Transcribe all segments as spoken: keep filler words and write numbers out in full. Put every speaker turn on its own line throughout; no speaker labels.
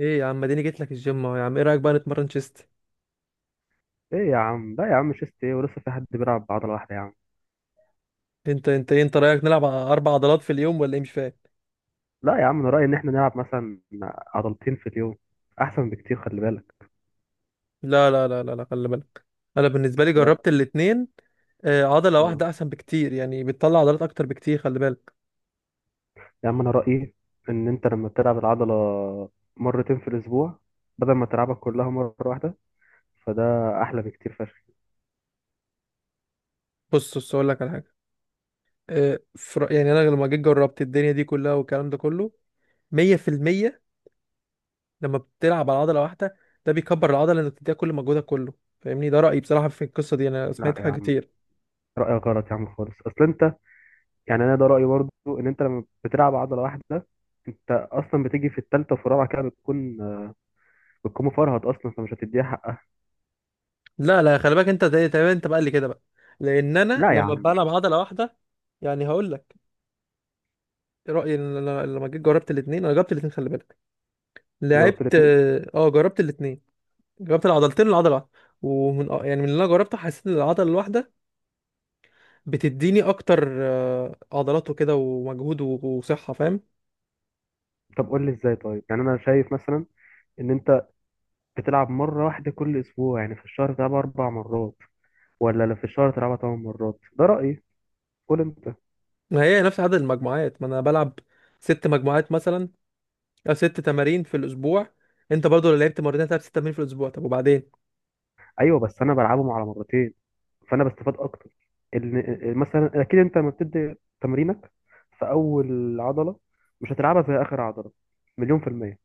ايه يا عم، اديني جيت لك الجيم اهو يا عم، ايه رايك بقى نتمرن تشيست؟
ايه يا عم، لا يا عم، شيست ايه؟ ولسه في حد بيلعب بعضلة واحدة يا عم؟
انت انت إيه، انت رايك نلعب ع- اربع عضلات في اليوم ولا ايه؟ مش فاهم.
لا يا عم، انا رأيي ان احنا نلعب مثلا عضلتين في اليوم احسن بكتير، خلي بالك.
لا لا لا لا لا، خلي بالك. انا بالنسبه لي
طب.
جربت الاتنين. آه، عضله
آه.
واحده احسن بكتير، يعني بتطلع عضلات اكتر بكتير، خلي بالك.
يا عم انا رأيي ان انت لما بتلعب العضلة مرتين في الاسبوع بدل ما تلعبها كلها مرة واحدة فده احلى بكتير فشخ.
بص بص، اقول لك على حاجه. آه، في رأ- يعني انا لما جيت جربت الدنيا دي كلها والكلام ده كله مية في المية. لما بتلعب على عضله واحده ده بيكبر العضله، انك تديها كل مجهودك كله، فاهمني؟ ده رايي بصراحه في القصه دي، انا
لا
سمعت
يا
حاجه
عم،
كتير.
رأيك غلط يا عم خالص، اصل انت يعني انا ده رأيي برضو ان انت لما بتلعب عضلة واحدة انت اصلا بتيجي في التالتة وفي الرابعة كده بتكون بتكون مفرهد اصلا فمش هتديها حقها.
لا لا، خلي بالك، انت زي تمام، انت بقى اللي كده بقى، لان انا
لا يا
لما
عم.
بلعب عضله واحده، يعني هقول لك رايي. ان انا لما جيت جربت الاثنين، انا جربت الاثنين، خلي بالك.
جربت
لعبت
الاتنين.
اه آه، جربت الاثنين. جربت العضلتين والعضله واحده. ومن اه، يعني من اللي انا جربته حسيت ان العضله الواحده بتديني اكتر اه، عضلات وكده ومجهود و- وصحه، فاهم؟
طب قول لي ازاي طيب، يعني انا شايف مثلا ان انت بتلعب مره واحده كل اسبوع، يعني في الشهر بتلعبها اربع مرات، ولا لو في الشهر تلعبها ثمان مرات؟ ده رايي، قول انت.
ما هي نفس عدد المجموعات، ما انا بلعب ست مجموعات مثلا، او ست تمارين في الاسبوع. انت برضو لو لعبت مرتين هتلعب ست تمارين في الاسبوع، طب وبعدين؟
ايوه بس انا بلعبهم على مرتين فانا بستفاد اكتر. ال- مثلا اكيد انت لما بتدي تمرينك في اول عضله مش هتلعبها في اخر عضله، مليون في الميه.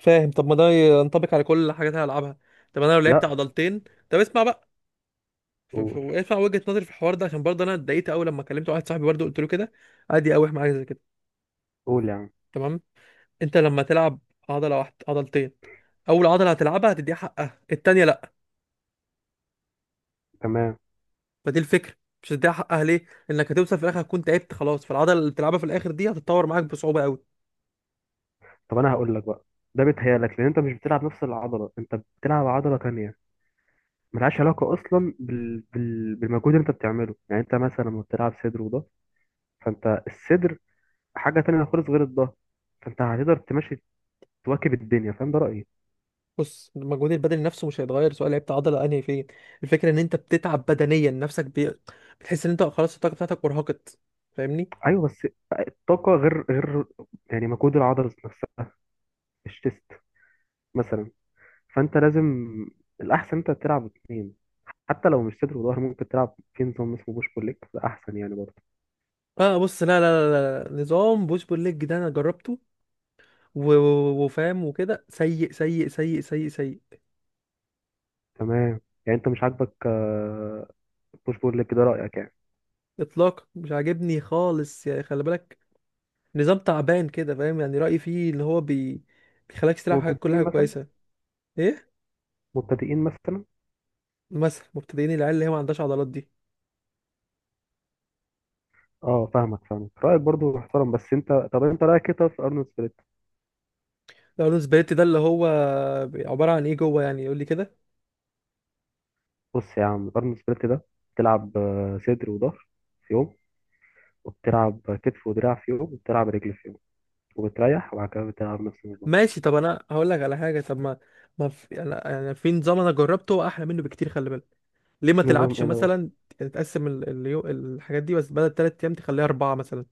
فاهم؟ طب ما ده ينطبق على كل الحاجات اللي هلعبها. طب انا لو لعبت
لا.
عضلتين، طب اسمع بقى. ف- ف-
قول.
اسمع وجهة نظري في الحوار ده، عشان برضه انا اتضايقت قوي لما كلمت واحد صاحبي برضه قلت له كده، عادي يقاوح معايا زي كده.
قول يا عم.
تمام. انت لما تلعب عضله واحده عضلتين، اول عضله هتلعبها هتديها حقها، التانيه لا.
تمام.
فدي الفكره. مش هتديها حقها ليه؟ انك هتوصل في الاخر هتكون تعبت خلاص، فالعضله اللي بتلعبها في الاخر دي هتتطور معاك بصعوبه قوي.
طب انا هقول لك بقى، ده بيتهيألك لان انت مش بتلعب نفس العضله، انت بتلعب عضله تانية ملهاش علاقة أصلا بال... بال... بالمجهود اللي أنت بتعمله. يعني أنت مثلا لما بتلعب صدر وضهر، فأنت الصدر حاجة تانية خالص غير الضهر، فأنت هتقدر تمشي تواكب الدنيا، فاهم؟ ده رأيي.
بص، المجهود البدني نفسه مش هيتغير سواء لعبت عضله انهي فين. الفكره ان انت بتتعب بدنيا نفسك، بي... بتحس ان انت خلاص الطاقه بتاعتك ارهقت، فاهمني؟
أيوه بس الطاقة غير غير، يعني مجهود العضلة نفسها، الشيست مثلا، فأنت لازم، الأحسن أنت تلعب اتنين، حتى لو مش صدر وضهر ممكن تلعب في نظام اسمه بوش بول ليج، ده أحسن يعني برضه.
اه بص، لا لا لا، لا. نظام بوش بول ليج ده انا جربته و... و- وفاهم وكده، سيء سيء سيء سيء سيء.
تمام. يعني أنت مش عاجبك آه، بوش بول ليج؟ ده رأيك يعني.
اطلاق مش عاجبني خالص، يعني خلي بالك. نظام تعبان كده، فاهم؟ يعني رايي فيه ان هو بي... بيخليك تلعب حاجه، كل
مبتدئين
حاجه
مثلا.
كويسه. ايه
مبتدئين مثلا.
مثلا؟ مبتدئين، العيال اللي هي ما عندهاش عضلات دي.
اه فاهمك فاهمك، رايك برضو محترم، بس انت طب انت رايك كده في ارنولد سبليت؟
لو سبريت ده اللي هو عباره عن ايه جوه؟ يعني يقول لي كده.
بص يا عم، ارنولد سبليت ده بتلعب آه، صدر وظهر في يوم، وبتلعب كتف ودراع في يوم، وبتلعب رجل في يوم، وبتريح وبعد كده بتلعب نفس النظام.
ماشي، طب انا هقول لك على حاجه. طب ما، ما في انا، يعني في نظام انا جربته احلى منه بكتير، خلي بالك. ليه ما
نظام
تلعبش
ايه ده؟
مثلا؟ تقسم ال- اليو... الحاجات دي بس بدل تلات ايام تخليها اربعه مثلا.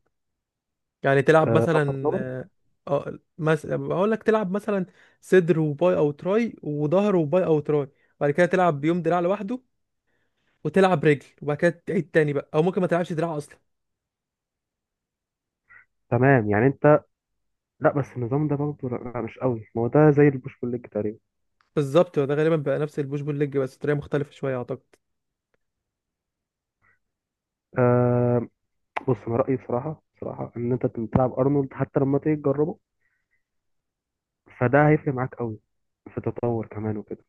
يعني تلعب
ابر
مثلا،
لور.
اه آه، مثلا بقول لك تلعب مثلا صدر وباي او تراي، وظهر وباي او تراي، وبعد كده تلعب يوم دراع لوحده، وتلعب رجل، وبعد كده تعيد تاني بقى، او ممكن ما تلعبش دراع اصلا.
تمام. يعني انت. لا بس النظام ده برضه لا لا، مش قوي، ما هو ده زي البوش بول ليج تقريبا.
بالظبط، ده غالبا بقى نفس البوش بول ليج بس طريقه مختلفه شويه اعتقد.
أه. بص انا رايي بصراحه بصراحه ان انت بتلعب ارنولد، حتى لما تيجي تجربه فده هيفرق معاك قوي في التطور كمان وكده.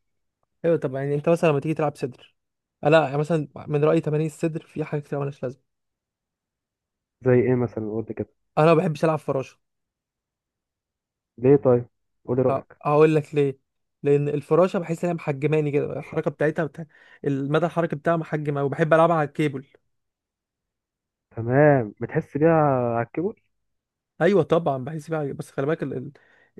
ايوه. طب يعني انت مثلا لما تيجي تلعب صدر، لا يعني مثلا من رايي تمارين الصدر في حاجات كتير مالهاش لازمه.
زي ايه مثلا؟ قلت كده.
انا ما بحبش العب فراشه.
ليه طيب؟ قولي
ه-
رأيك.
هقول لك ليه. لان الفراشه بحس انها محجماني كده، الحركه بتاعتها بتاع... المدى الحركي بتاعها محجم أوي، بحب العبها على الكيبل.
تمام. بتحس بيها على الكيبورد.
ايوه طبعا بحس بيها، بس خلي بالك، ال... ال...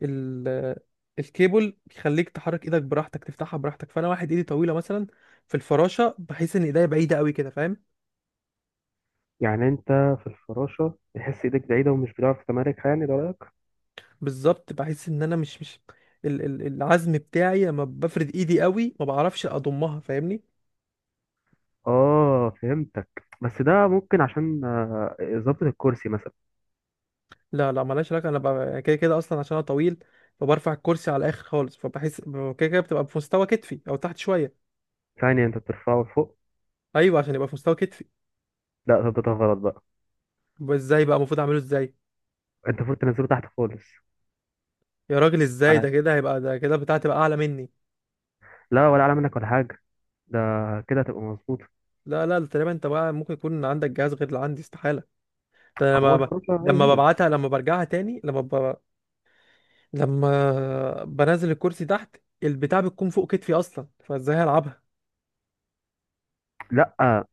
ال... الكيبل بيخليك تحرك ايدك براحتك، تفتحها براحتك، فانا واحد ايدي طويله مثلا، في الفراشه بحس ان ايديا بعيده قوي كده، فاهم؟
يعني انت في الفراشة بتحس ايدك بعيدة ومش بتعرف تماركها؟ يعني ده رأيك.
بالظبط. بحس ان انا مش مش ال ال العزم بتاعي لما بفرد ايدي قوي ما بعرفش اضمها، فاهمني؟
اه فهمتك. بس ده ممكن عشان آه، ظبط الكرسي مثلا.
لا لا، ملهاش علاقه، انا ببقى كده كده اصلا عشان انا طويل، فبرفع الكرسي على الاخر خالص، فبحس ب- كده كده بتبقى في مستوى كتفي او تحت شويه.
يعني انت بترفعه لفوق؟
ايوه، عشان يبقى في مستوى كتفي.
لا، ظبطها غلط بقى.
يبقى ازاي بقى المفروض اعمله؟ ازاي؟
انت المفروض تنزله تحت خالص.
يا راجل ازاي؟
على.
ده كده هيبقى، ده كده بتاعتي تبقى اعلى مني.
لا، ولا اعلى منك ولا حاجة. ده كده هتبقى مظبوط.
لا لا، تقريبا انت بقى ممكن يكون عندك جهاز غير اللي عندي، استحاله. ده أنا
هو
لما،
الفراشة هي
لما
هي.
ببعتها، لما برجعها تاني، لما لما بنزل الكرسي تحت، البتاع بتكون فوق كتفي اصلا، فازاي هلعبها؟
لا.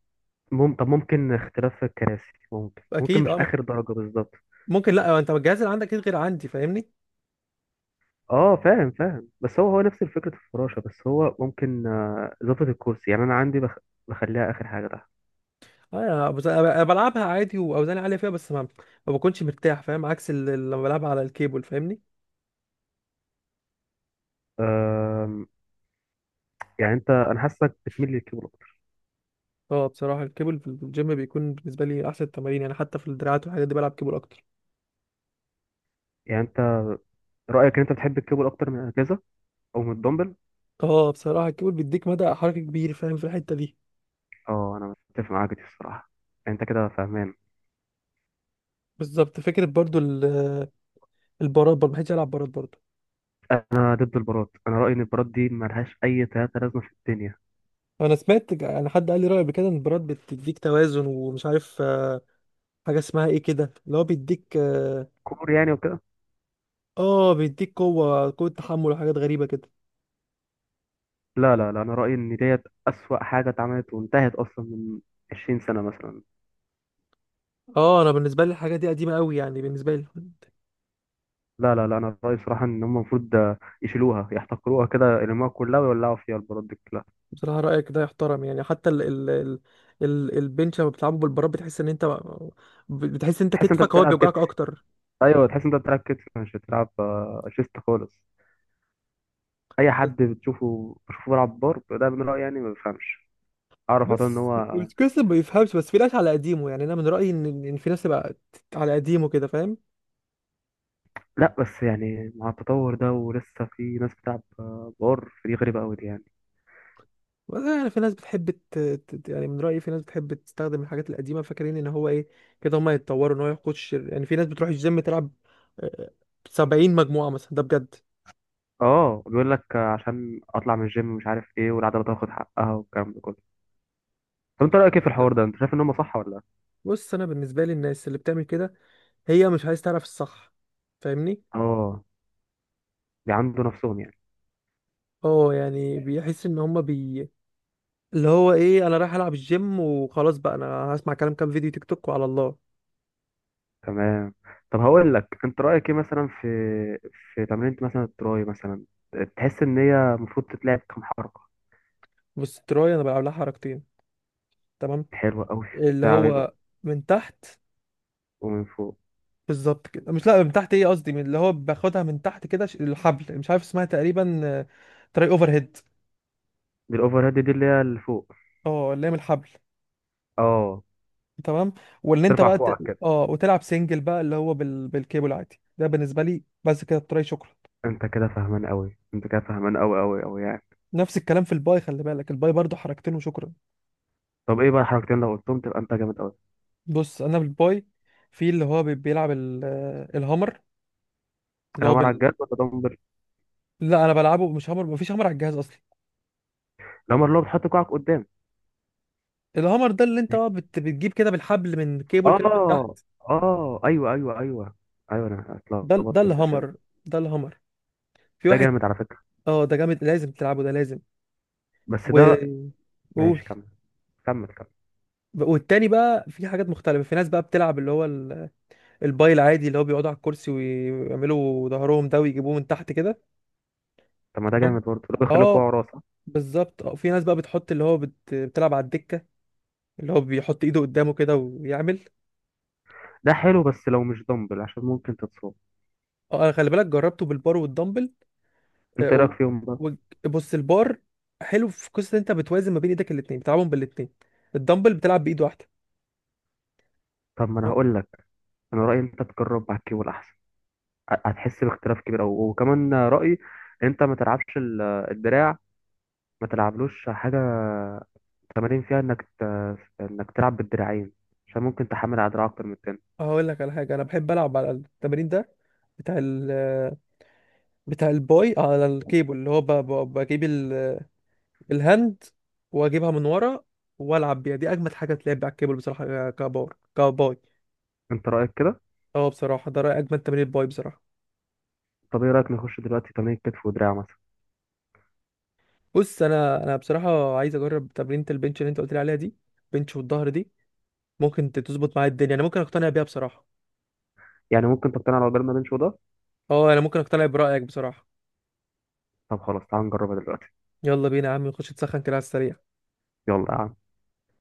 مم... طب ممكن اختلاف في الكراسي، ممكن ممكن
اكيد
مش
اه.
اخر درجة بالظبط.
ممكن، لا انت الجهاز اللي عندك اكيد غير عندي، فاهمني؟
اه فاهم فاهم، بس هو هو نفس فكرة الفراشة، بس هو ممكن آه، إضافة الكرسي. يعني أنا عندي بخ... بخليها آخر حاجة تحت.
اه يعني انا بز- أنا بلعبها عادي واوزاني عاليه فيها، بس ما، ما بكونش مرتاح، فاهم؟ عكس ال- ال- لما بلعبها على الكيبل، فاهمني؟
آم، يعني أنت، أنا حاسك بتميل للكيبل أكتر.
اه بصراحه الكيبل في الجيم بيكون بالنسبه لي احسن التمارين، يعني حتى في الدراعات والحاجات دي بلعب كيبل اكتر.
يعني أنت رأيك إن أنت بتحب الكيبل أكتر من الأجهزة أو من الدمبل؟
اه بصراحه الكيبل بيديك مدى حركه كبير، فاهم؟ في الحته دي
اه أنا متفق معاك دي الصراحة. يعني أنت كده فاهمان.
بالظبط فكره. برضو ال- البارات برضو ما بحبش العب بارات برضو.
أنا ضد البارات، أنا رأيي إن البارات دي ملهاش أي تلاتة لازمة في الدنيا.
انا سمعت، ك- انا حد قال لي راي قبل كده ان البراد بتديك توازن، ومش عارف آه، حاجه اسمها ايه كده، اللي هو بيديك اه،
كور يعني وكده.
آه، بيديك قوه، قوه تحمل، وحاجات غريبه كده.
لا لا لا، أنا رأيي إن ديت أسوأ حاجة اتعملت وانتهت أصلا من عشرين سنة مثلا.
اه انا بالنسبه لي الحاجه دي قديمه قوي، يعني بالنسبه لي.
لا لا لا انا رايي صراحه ان هم المفروض آه، يشيلوها يحتقروها كده، يلموها كلها ويولعوا فيها البلاط دي كلها.
بصراحه رايك ده يحترم، يعني حتى ال ال ال ال البنش لما بتلعبه بالبراد بتحس ان انت، بتحس ان انت
تحس انت
كتفك هو
بتلعب كتف.
بيوجعك اكتر.
ايوه تحس انت بتلعب كتف مش بتلعب آه، شيست خالص. اي
بس
حد بتشوفه بشوفه بيلعب بار، ده من رايي يعني ما بفهمش. اعرف على طول ان
بس
هو.
القصة ما بيفهمش، بس في ناس على قديمه، يعني انا من رايي ان إن في ناس تبقى على قديمه كده، فاهم؟
لا بس يعني مع التطور ده ولسه في ناس بتلعب آه، بار؟ فدي غريبه قوي دي يعني.
والله، يعني في ناس بتحب ت... ت- يعني من رأيي في ناس بتحب تستخدم الحاجات القديمة، فاكرين ان هو ايه، كده هما يتطوروا، ان هو ياخد شر. يعني في ناس بتروح الجيم تلعب آه، سبعين مجموعة مثلا، ده بجد.
اه بيقول لك آه، عشان اطلع من الجيم مش عارف ايه، والعضله تاخد حقها والكلام ده كله. طب انت رايك ايه في
الكلام
الحوار
ده،
ده؟ انت شايف ان هم صح ولا لا؟
بص انا بالنسبة لي الناس اللي بتعمل كده هي مش عايز تعرف الصح، فاهمني؟
اه. بيعندوا نفسهم يعني.
اه يعني بيحس ان هما بي اللي هو ايه، انا رايح العب الجيم وخلاص بقى، انا هسمع كلام كام فيديو تيك توك وعلى الله.
تمام. طب هقول لك، انت رايك ايه مثلا في في تمرينة مثلا التراي مثلا، تحس ان هي المفروض تتلعب كام حركه؟
بص، التراي انا بلعب لها حركتين. تمام.
حلوه قوي.
اللي
بتاع ايه بقى؟
هو من تحت.
ومن فوق.
بالظبط كده، مش لا من تحت، ايه قصدي، من اللي هو باخدها من تحت كده، ش- الحبل مش عارف اسمها، تقريبا تراي اوفر هيد.
دي الاوفر هيد، دي اللي هي اللي فوق.
اه اللي هي من الحبل.
اه.
تمام. واللي انت
ترفع
بقى ت...
كوعك كده.
اه وتلعب سنجل بقى، اللي هو بال... بالكيبل عادي، ده بالنسبه لي بس كده التراي، شكرا.
انت كده فاهمان قوي، انت كده فاهمان قوي قوي قوي يعني.
نفس الكلام في الباي، خلي بالك، الباي برضو حركتين وشكرا.
طب ايه بقى الحركتين؟ لو قلتهم تبقى انت جامد قوي.
بص انا بالباي، في اللي هو بي- بيلعب ال... آه، الهامر، اللي هو
الهامر على
بال...
الجد ولا دمبل؟
لا انا بلعبه مش هامر، مفيش هامر على الجهاز اصلا.
الهامر اللي هو بتحط كوعك قدام.
الهامر ده اللي انت بقى بت... بتجيب كده بالحبل من كيبل
اه.
كده من تحت.
اه ايوه ايوه ايوه. ايوه انا
ده ده
اتلخبطت في الاسامي.
الهامر ده الهامر في
ده
واحد.
جامد على فكره.
اه ده جامد لازم تلعبه ده لازم. و،
بس ده.
قول.
ماشي كمل. كمل كمل.
والتاني بقى في حاجات مختلفة، في ناس بقى بتلعب اللي هو ال- الباي العادي، اللي هو بيقعدوا على الكرسي ويعملوا ظهرهم ده ويجيبوه من تحت كده.
طب ما ده
تمام.
جامد برضه لو بيخليك
اه
واقع راسه.
بالظبط. اه في ناس بقى بتحط اللي هو بت... بتلعب على الدكة، اللي هو بيحط ايده قدامه كده ويعمل.
ده حلو بس لو مش دمبل عشان ممكن تتصاب.
اه انا خلي بالك جربته بالبار والدمبل. اه،
انت ايه رايك
و...
فيهم بقى؟
و... بص البار حلو في قصة إن انت بتوازن ما بين ايدك الاتنين، بتلعبهم بالاتنين. الدمبل بتلعب بايد واحدة.
طب ما انا هقول لك، انا رايي انت تجرب مع الكيبل احسن، ه- هتحس باختلاف كبير قوي. وكمان رايي انت ما تلعبش ال- الدراع، ما تلعبلوش حاجه تمارين فيها انك ت... انك تلعب بالدراعين، عشان ممكن تحمل على دراع اكتر من التاني.
هقول لك على حاجه، انا بحب العب على التمرين ده بتاع ال، بتاع الباي على الكيبل، اللي هو ب- ب- بجيب ال- الهاند واجيبها من ورا والعب بيها، دي اجمد حاجه تلعب على الكيبل بصراحه، كبار كباي.
انت رايك كده؟
اه بصراحه ده رأي اجمد تمرين باي بصراحه.
طب ايه رايك نخش دلوقتي تمارين كتف ودراع مثلا؟
بص انا، انا بصراحه عايز اجرب تمرينه البنش اللي انت قلت لي عليها دي، بنش والظهر دي، ممكن ت- تظبط معايا الدنيا، انا ممكن اقتنع بيها بصراحه.
يعني ممكن تقتنع لو جربنا بنش وده.
اه انا ممكن اقتنع برأيك بصراحه.
طب خلاص تعال نجربها دلوقتي.
يلا بينا يا عم نخش نسخن كده على السريع.
يلا يا عم.